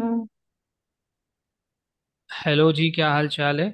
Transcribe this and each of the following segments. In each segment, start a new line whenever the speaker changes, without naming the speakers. हम्म।
Hello जी, क्या हाल चाल है।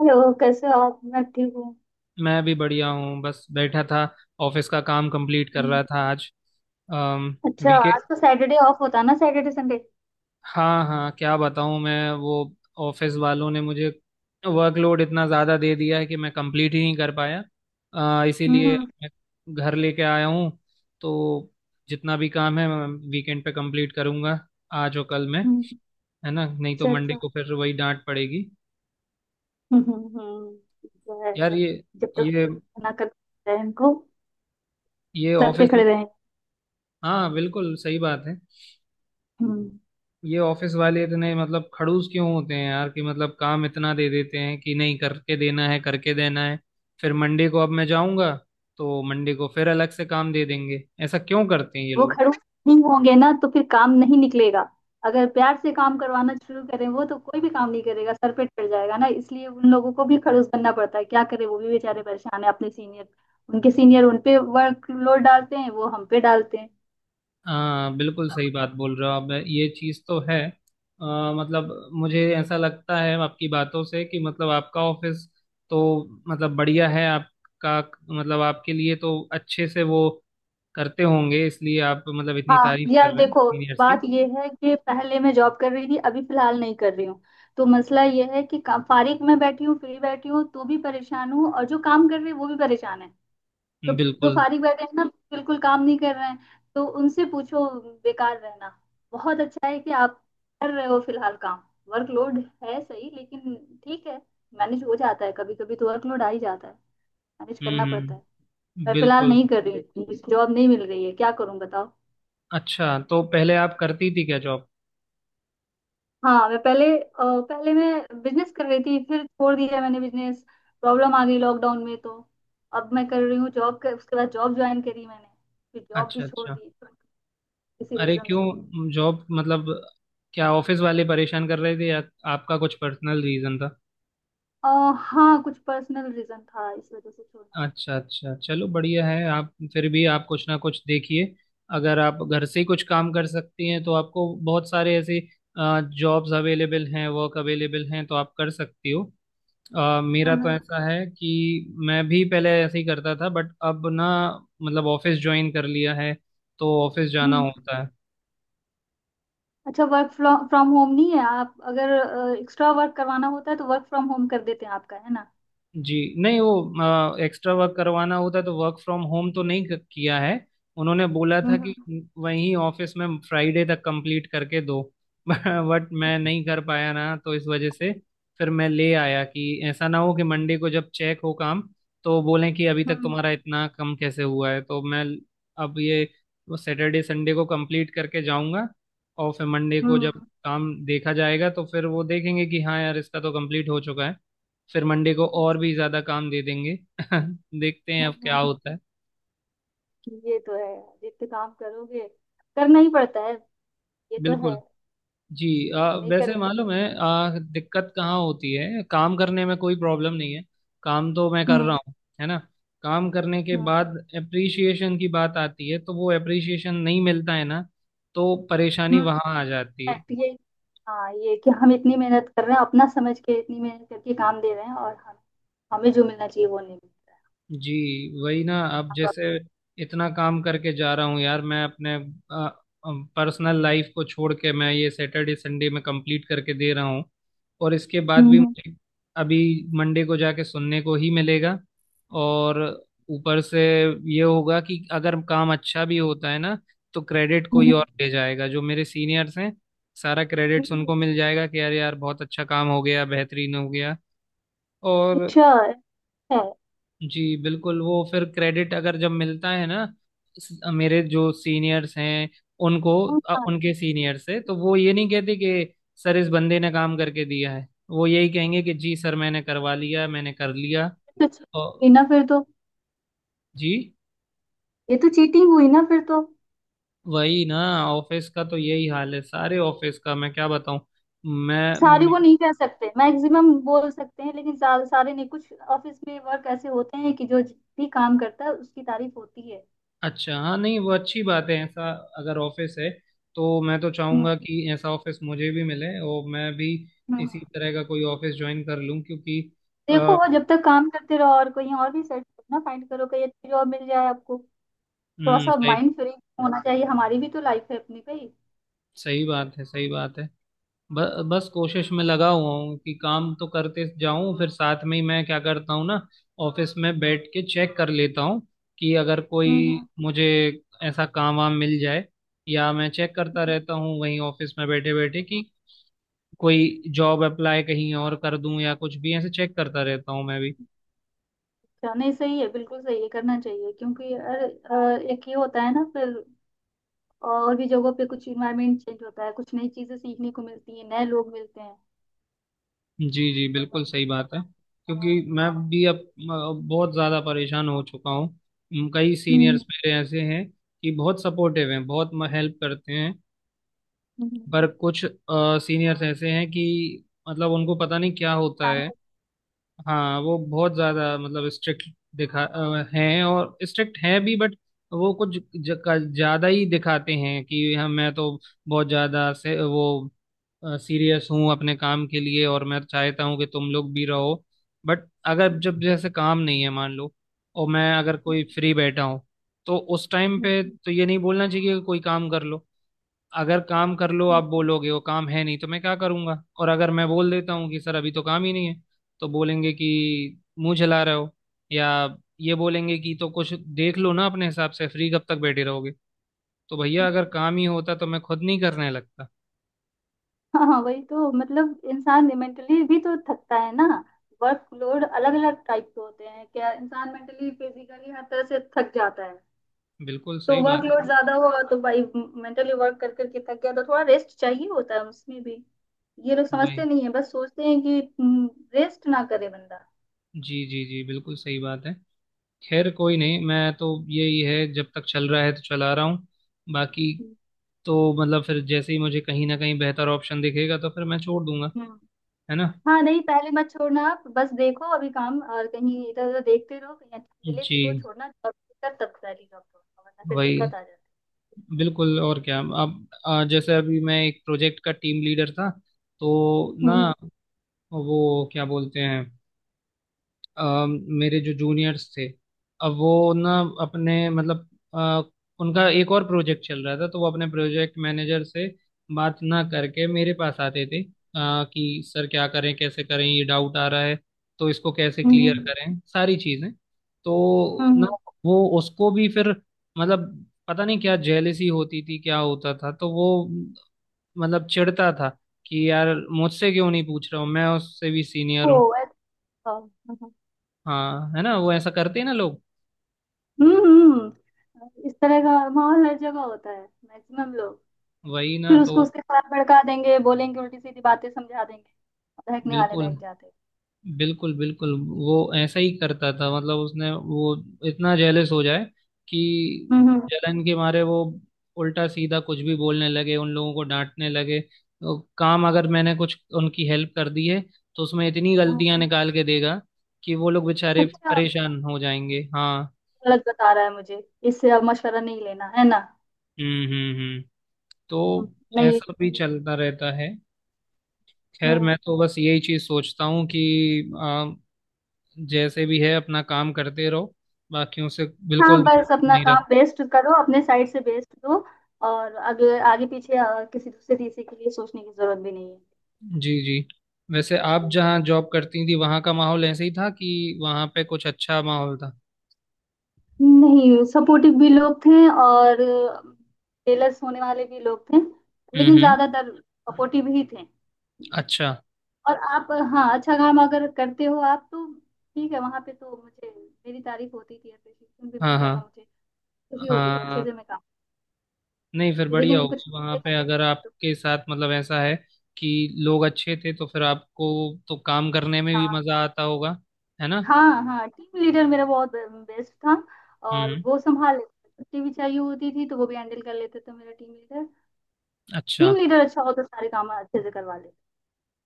हेलो, कैसे हो आप? मैं ठीक हूँ।
मैं भी बढ़िया हूँ, बस बैठा था। ऑफिस का काम कंप्लीट कर
हम्म।
रहा था आज।
अच्छा,
वीकेंड,
आज तो सैटरडे ऑफ होता ना? Saturday Sunday.
हाँ हाँ, क्या बताऊँ। मैं वो ऑफिस वालों ने मुझे वर्कलोड इतना ज़्यादा दे दिया है कि मैं कंप्लीट ही नहीं कर पाया,
हम्म,
इसीलिए मैं घर लेके आया हूँ। तो जितना भी काम है मैं वीकेंड पे कंप्लीट करूँगा, आज और कल में।
हम्म।
है ना, नहीं तो
अच्छा,
मंडे
अच्छा।
को फिर वही डांट पड़ेगी।
हम्म, जो है,
यार
जब तक
ये
ना करते हैं इनको,
ये
सर पे
ऑफिस,
खड़े रहें।
हाँ बिल्कुल सही बात है।
हम्म।
ये ऑफिस वाले इतने मतलब खड़ूस क्यों होते हैं यार, कि मतलब काम इतना दे देते हैं कि नहीं, करके देना है, करके देना है। फिर मंडे को अब मैं जाऊंगा तो मंडे को फिर अलग से काम दे देंगे। ऐसा क्यों करते हैं ये
वो
लोग।
खड़ूस नहीं होंगे ना तो फिर काम नहीं निकलेगा। अगर प्यार से काम करवाना शुरू करें वो, तो कोई भी काम नहीं करेगा, सर पे चढ़ जाएगा ना। इसलिए उन लोगों को भी खड़ूस बनना पड़ता है, क्या करें, वो भी बेचारे परेशान है। अपने सीनियर, उनके सीनियर उन पे वर्कलोड डालते हैं, वो हम पे डालते हैं।
हाँ बिल्कुल सही बात बोल रहे हो आप, ये चीज़ तो है। अ, मतलब मुझे ऐसा लगता है आपकी बातों से कि मतलब आपका ऑफिस तो मतलब बढ़िया है आपका। मतलब आपके लिए तो अच्छे से वो करते होंगे, इसलिए आप मतलब इतनी
हाँ,
तारीफ कर
यार
रहे हैं
देखो,
सीनियर्स
बात
की।
ये है कि पहले मैं जॉब कर रही थी, अभी फिलहाल नहीं कर रही हूँ। तो मसला ये है कि फारिग में बैठी हूँ, फ्री बैठी हूँ तो भी परेशान हूँ, और जो काम कर रही है वो भी परेशान है। तो जो
बिल्कुल।
फारिग बैठे हैं ना, बिल्कुल काम नहीं कर रहे हैं, तो उनसे पूछो। बेकार रहना। बहुत अच्छा है कि आप कर रहे हो फिलहाल काम। वर्कलोड है सही, लेकिन ठीक है, मैनेज हो जाता है। कभी कभी तो वर्कलोड आ ही जाता है, मैनेज करना पड़ता है।
हम्म।
मैं फिलहाल
बिल्कुल।
नहीं कर रही हूँ, जॉब नहीं मिल रही है, क्या करूँ बताओ।
अच्छा, तो पहले आप करती थी क्या जॉब।
हाँ, पहले मैं बिजनेस कर रही थी, फिर छोड़ दिया मैंने बिजनेस। प्रॉब्लम आ गई लॉकडाउन में, तो अब मैं कर रही हूँ जॉब कर, उसके बाद जॉब ज्वाइन करी मैंने, फिर जॉब भी
अच्छा
छोड़
अच्छा।
दी, किसी
अरे
रीजन से।
क्यों, जॉब मतलब क्या ऑफिस वाले परेशान कर रहे थे या आपका कुछ पर्सनल रीजन था।
अ, हाँ, कुछ पर्सनल रीजन था, इस वजह से छोड़ना।
अच्छा अच्छा, चलो बढ़िया है, आप फिर भी आप कुछ ना कुछ देखिए। अगर आप घर से ही कुछ काम कर सकती हैं तो आपको बहुत सारे ऐसे जॉब्स अवेलेबल हैं, वर्क अवेलेबल हैं, तो आप कर सकती हो।
हाँ,
मेरा तो
हाँ,
ऐसा है कि मैं भी पहले ऐसे ही करता था, बट अब ना मतलब ऑफिस ज्वाइन कर लिया है तो ऑफिस जाना
हम्म।
होता है।
अच्छा, वर्क फ्रॉम होम नहीं है आप? अगर एक्स्ट्रा वर्क करवाना होता है तो वर्क फ्रॉम होम कर देते हैं आपका, है ना?
जी नहीं, वो एक्स्ट्रा वर्क करवाना होता तो वर्क फ्रॉम होम तो नहीं किया है। उन्होंने बोला था कि
हम्म,
वहीं ऑफिस में फ्राइडे तक कंप्लीट करके दो। बट मैं नहीं कर पाया ना, तो इस वजह से फिर मैं ले आया कि ऐसा ना हो कि मंडे को जब चेक हो काम तो बोलें कि अभी
हम्म,
तक
हम्म,
तुम्हारा इतना कम कैसे हुआ है। तो मैं अब ये सैटरडे संडे को कंप्लीट करके जाऊंगा, और फिर मंडे को जब
हम्म,
काम देखा जाएगा तो फिर वो देखेंगे कि हाँ यार इसका तो कंप्लीट हो चुका है, फिर मंडे को और भी ज्यादा काम दे देंगे। देखते हैं
हम्म,
अब क्या
हम्म, हम्म।
होता है।
ये तो है। जितने काम करोगे, करना ही पड़ता है। ये तो है।
बिल्कुल। जी,
नहीं
वैसे
करेंगे।
मालूम है दिक्कत कहाँ होती है। काम करने में कोई प्रॉब्लम नहीं है, काम तो मैं कर
हम्म,
रहा हूँ, है ना। काम करने के
हम्म,
बाद एप्रिसिएशन की बात आती है तो वो एप्रिसिएशन नहीं मिलता है ना, तो परेशानी
हम्म।
वहाँ आ जाती है।
fact ये हाँ, ये कि हम इतनी मेहनत कर रहे हैं, अपना समझ के इतनी मेहनत करके काम दे रहे हैं, और हम हमें जो मिलना चाहिए वो नहीं मिल रहा है।
जी वही ना। अब
हाँ, प्रॉब्लम।
जैसे इतना काम करके जा रहा हूँ यार मैं, अपने पर्सनल लाइफ को छोड़ के मैं ये सैटरडे संडे में कंप्लीट करके दे रहा हूँ, और इसके बाद भी
हम्म,
मुझे अभी मंडे को जाके सुनने को ही मिलेगा। और ऊपर से ये होगा कि अगर काम अच्छा भी होता है ना तो क्रेडिट कोई
हम्म,
और ले जाएगा, जो मेरे सीनियर्स हैं, सारा क्रेडिट्स
हम्म।
उनको मिल जाएगा कि यार यार बहुत अच्छा काम हो गया, बेहतरीन हो गया। और
अच्छा है। हाँ,
जी बिल्कुल, वो फिर क्रेडिट अगर जब मिलता है ना, मेरे जो सीनियर्स हैं उनको,
हाँ,
उनके सीनियर से तो वो ये नहीं कहते कि सर इस बंदे ने काम करके दिया है। वो यही कहेंगे कि जी सर मैंने करवा लिया, मैंने कर लिया।
ये तो चीटिंग
और
हुई ना फिर तो!
जी
ये तो चीटिंग हुई ना फिर तो!
वही ना, ऑफिस का तो यही हाल है, सारे ऑफिस का मैं क्या बताऊं मैं।
सारे को नहीं कह सकते, मैक्सिमम बोल सकते हैं, लेकिन सारे सारे नहीं। कुछ ऑफिस में वर्क ऐसे होते हैं कि जो भी काम करता है उसकी तारीफ होती है।
अच्छा हाँ, नहीं वो अच्छी बात है। ऐसा अगर ऑफिस है तो मैं तो
हम्म,
चाहूंगा कि ऐसा ऑफिस मुझे भी मिले और मैं भी
हम्म।
इसी तरह का कोई ऑफिस ज्वाइन कर लूं, क्योंकि
देखो,
अ,
और जब तक काम करते रहो और कहीं और भी सर्च करो ना, फाइंड करो, कहीं अच्छी जॉब मिल जाए आपको। थोड़ा सा
सही।
माइंड फ्री होना चाहिए, हमारी भी तो लाइफ है अपनी, भाई।
सही बात है, सही बात है। ब, बस कोशिश में लगा हुआ हूँ कि काम तो करते जाऊं, फिर साथ में ही मैं क्या करता हूँ ना, ऑफिस में बैठ के चेक कर लेता हूँ कि अगर कोई
हम्म,
मुझे ऐसा काम वाम मिल जाए। या मैं चेक करता
हम्म।
रहता हूँ वहीं ऑफिस में बैठे बैठे कि कोई जॉब अप्लाई कहीं और कर दूं, या कुछ भी ऐसे चेक करता रहता हूँ मैं भी।
अच्छा, नहीं, सही है, बिल्कुल सही है, करना चाहिए, क्योंकि अरे, एक ये होता है ना, फिर और भी जगहों पे कुछ इन्वायरमेंट चेंज होता है, कुछ नई चीजें सीखने को मिलती है, नए लोग मिलते हैं।
जी जी बिल्कुल सही बात है, क्योंकि मैं भी अब बहुत ज़्यादा परेशान हो चुका हूँ। कई
हम्म,
सीनियर्स मेरे ऐसे हैं कि बहुत सपोर्टिव हैं, बहुत हेल्प करते हैं।
हम्म,
पर कुछ सीनियर्स ऐसे हैं कि मतलब उनको पता नहीं क्या होता है। हाँ वो बहुत ज्यादा मतलब स्ट्रिक्ट दिखा हैं, और स्ट्रिक्ट हैं भी, बट वो कुछ ज्यादा ही दिखाते हैं कि हम मैं तो बहुत ज्यादा से वो सीरियस हूँ अपने काम के लिए और मैं चाहता हूँ कि तुम लोग भी रहो। बट अगर जब जैसे काम नहीं है मान लो, और मैं अगर कोई फ्री बैठा हूँ, तो उस टाइम पे तो ये नहीं बोलना चाहिए कि कोई काम कर लो। अगर काम कर लो आप बोलोगे, वो काम है नहीं, तो मैं क्या करूंगा। और अगर मैं बोल देता हूँ कि सर अभी तो काम ही नहीं है, तो बोलेंगे कि मुंह चला रहे हो, या ये बोलेंगे कि तो कुछ देख लो ना अपने हिसाब से, फ्री कब तक बैठे रहोगे। तो भैया
हम्म।
अगर काम ही होता तो मैं खुद नहीं करने लगता।
हाँ, हाँ, वही तो। मतलब इंसान मेंटली भी तो थकता है ना। वर्क लोड अलग अलग टाइप के होते हैं, क्या इंसान मेंटली फिजिकली हर तरह से थक जाता है।
बिल्कुल
तो
सही
वर्क
बात
लोड ज्यादा हुआ तो भाई मेंटली वर्क कर करके थक गया, तो थोड़ा रेस्ट चाहिए होता है उसमें भी। ये लोग
है। वही
समझते नहीं है, बस सोचते हैं कि रेस्ट ना करे बंदा।
जी जी जी बिल्कुल सही बात है। खैर कोई नहीं, मैं तो यही है जब तक चल रहा है तो चला रहा हूँ, बाकी तो मतलब फिर जैसे ही मुझे कहीं ना कहीं बेहतर ऑप्शन दिखेगा तो फिर मैं छोड़ दूंगा,
हम्म।
है ना।
हाँ, नहीं, पहले मत छोड़ना आप, बस देखो अभी काम और कहीं इधर उधर देखते रहो, कहीं अच्छा मिले तो
जी
छोड़ना, और दिक्कत तब सारी जॉब छोड़ना, वरना फिर
वही
दिक्कत आ जाती
बिल्कुल और क्या। अब जैसे अभी मैं एक प्रोजेक्ट का टीम लीडर था तो
है।
ना,
हम्म,
वो क्या बोलते हैं, अ, मेरे जो जूनियर्स थे, अब वो ना अपने मतलब अ, उनका एक और प्रोजेक्ट चल रहा था, तो वो अपने प्रोजेक्ट मैनेजर से बात ना करके मेरे पास आते थे कि सर क्या करें, कैसे करें, ये डाउट आ रहा है, तो इसको कैसे क्लियर
हम्म,
करें, सारी चीजें।
हम्म,
तो ना वो उसको भी फिर मतलब पता नहीं क्या जेलेसी होती थी, क्या होता था, तो वो मतलब चिढ़ता था कि यार मुझसे क्यों नहीं पूछ रहा हूँ, मैं उससे भी सीनियर
ओ,
हूँ।
अच्छा।
हाँ है ना, वो ऐसा करते हैं ना लोग।
हम्म, हम्म। इस तरह का माहौल हर जगह होता है, मैक्सिमम लोग।
वही ना,
फिर
तो
उसको उसके साथ भड़का देंगे, बोलेंगे उल्टी सीधी बातें, समझा देंगे। बहकने वाले
बिल्कुल
बहक जाते हैं।
बिल्कुल बिल्कुल, वो ऐसा ही करता था। मतलब उसने वो इतना जेलस हो जाए कि
हम्म, हम्म,
जलन के मारे वो उल्टा सीधा कुछ भी बोलने लगे, उन लोगों को डांटने लगे, तो काम अगर मैंने कुछ उनकी हेल्प कर दी है तो उसमें इतनी
हम्म।
गलतियां निकाल के देगा कि वो लोग बेचारे
अच्छा,
परेशान हो जाएंगे। हाँ।
गलत बता रहा है मुझे, इससे अब मशवरा नहीं लेना है ना।
हम्म। तो
हम्म। नहीं।
ऐसा भी चलता रहता है। खैर
हम्म।
मैं तो बस यही चीज सोचता हूँ कि जैसे भी है अपना काम करते रहो, बाकियों से
हाँ,
बिल्कुल
बस अपना
नहीं
काम
रहो।
बेस्ट करो, अपने साइड से बेस्ट दो, और अगले आगे पीछे किसी दूसरे तीसरे के लिए सोचने की जरूरत भी नहीं
जी जी, वैसे आप
है।
जहाँ जॉब करती थी वहाँ का माहौल ऐसे ही था कि वहाँ पे कुछ अच्छा माहौल था।
नहीं, सपोर्टिव भी लोग थे और जेलस होने वाले भी लोग थे, लेकिन
हम्म।
ज्यादातर सपोर्टिव ही थे।
अच्छा।
और आप। हाँ, अच्छा काम अगर करते हो आप तो ठीक है, वहां पे तो मुझे मेरी तारीफ होती थी, अप्रिसिएशन भी
हाँ
मिलता
हाँ।
था मुझे। खुशी होती थी, अच्छे
हाँ
से मैं काम।
नहीं, फिर बढ़िया
लेकिन कुछ
होगा वहाँ
मिलते
पे,
नहीं
अगर
तो।
आपके साथ मतलब ऐसा है कि लोग अच्छे थे तो फिर आपको तो काम करने में भी
हाँ,
मजा आता होगा, है ना।
हाँ, हाँ, टीम लीडर मेरा बहुत बेस्ट था। और
हम्म
वो संभाल लेते थे। छुट्टी भी चाहिए होती थी तो वो भी हैंडल कर लेते थे, मेरा टीम लीडर।
अच्छा।
टीम लीडर अच्छा हो तो सारे काम अच्छे से करवा लेते,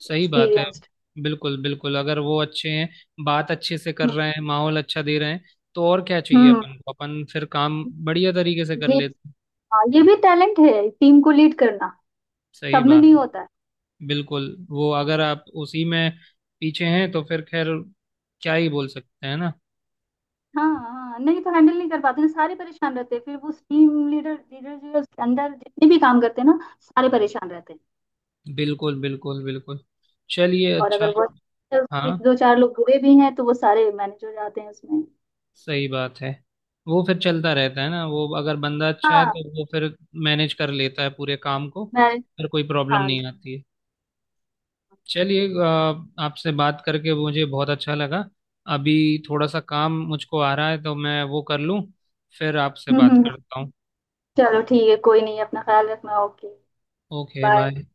सही बात है।
एक्सपीरियंस्ड।
बिल्कुल बिल्कुल, अगर वो अच्छे हैं, बात अच्छे से कर रहे हैं, माहौल अच्छा दे रहे हैं, तो और क्या चाहिए
हम्म।
अपन को, अपन फिर काम बढ़िया तरीके से कर
ये
लेते हैं।
हाँ, ये भी टैलेंट है, टीम को लीड करना,
सही
सब में
बात
नहीं
है।
होता है।
बिल्कुल वो अगर आप उसी में पीछे हैं तो फिर खैर क्या ही बोल सकते हैं ना।
हाँ, हाँ, नहीं तो हैंडल नहीं कर पाते ना, सारे परेशान रहते हैं, फिर वो टीम लीडर लीडर जो है, उसके अंदर जितने भी काम करते हैं ना, सारे परेशान रहते हैं।
बिल्कुल बिल्कुल बिल्कुल। चलिए
और
अच्छा।
अगर वो उसमें
हाँ
दो चार लोग बुरे भी हैं तो वो सारे मैनेज हो जाते हैं उसमें।
सही बात है, वो फिर चलता रहता है ना। वो अगर बंदा अच्छा है
हाँ,
तो वो फिर मैनेज कर लेता है पूरे काम को,
मैं।
फिर कोई प्रॉब्लम
हाँ जी।
नहीं आती है। चलिए आपसे बात करके मुझे बहुत अच्छा लगा। अभी थोड़ा सा काम मुझको आ रहा है तो मैं वो कर लूँ, फिर आपसे
हम्म,
बात
हम्म।
करता हूँ।
चलो ठीक है, कोई नहीं, अपना ख्याल रखना। ओके।
Okay
bye.
बाय।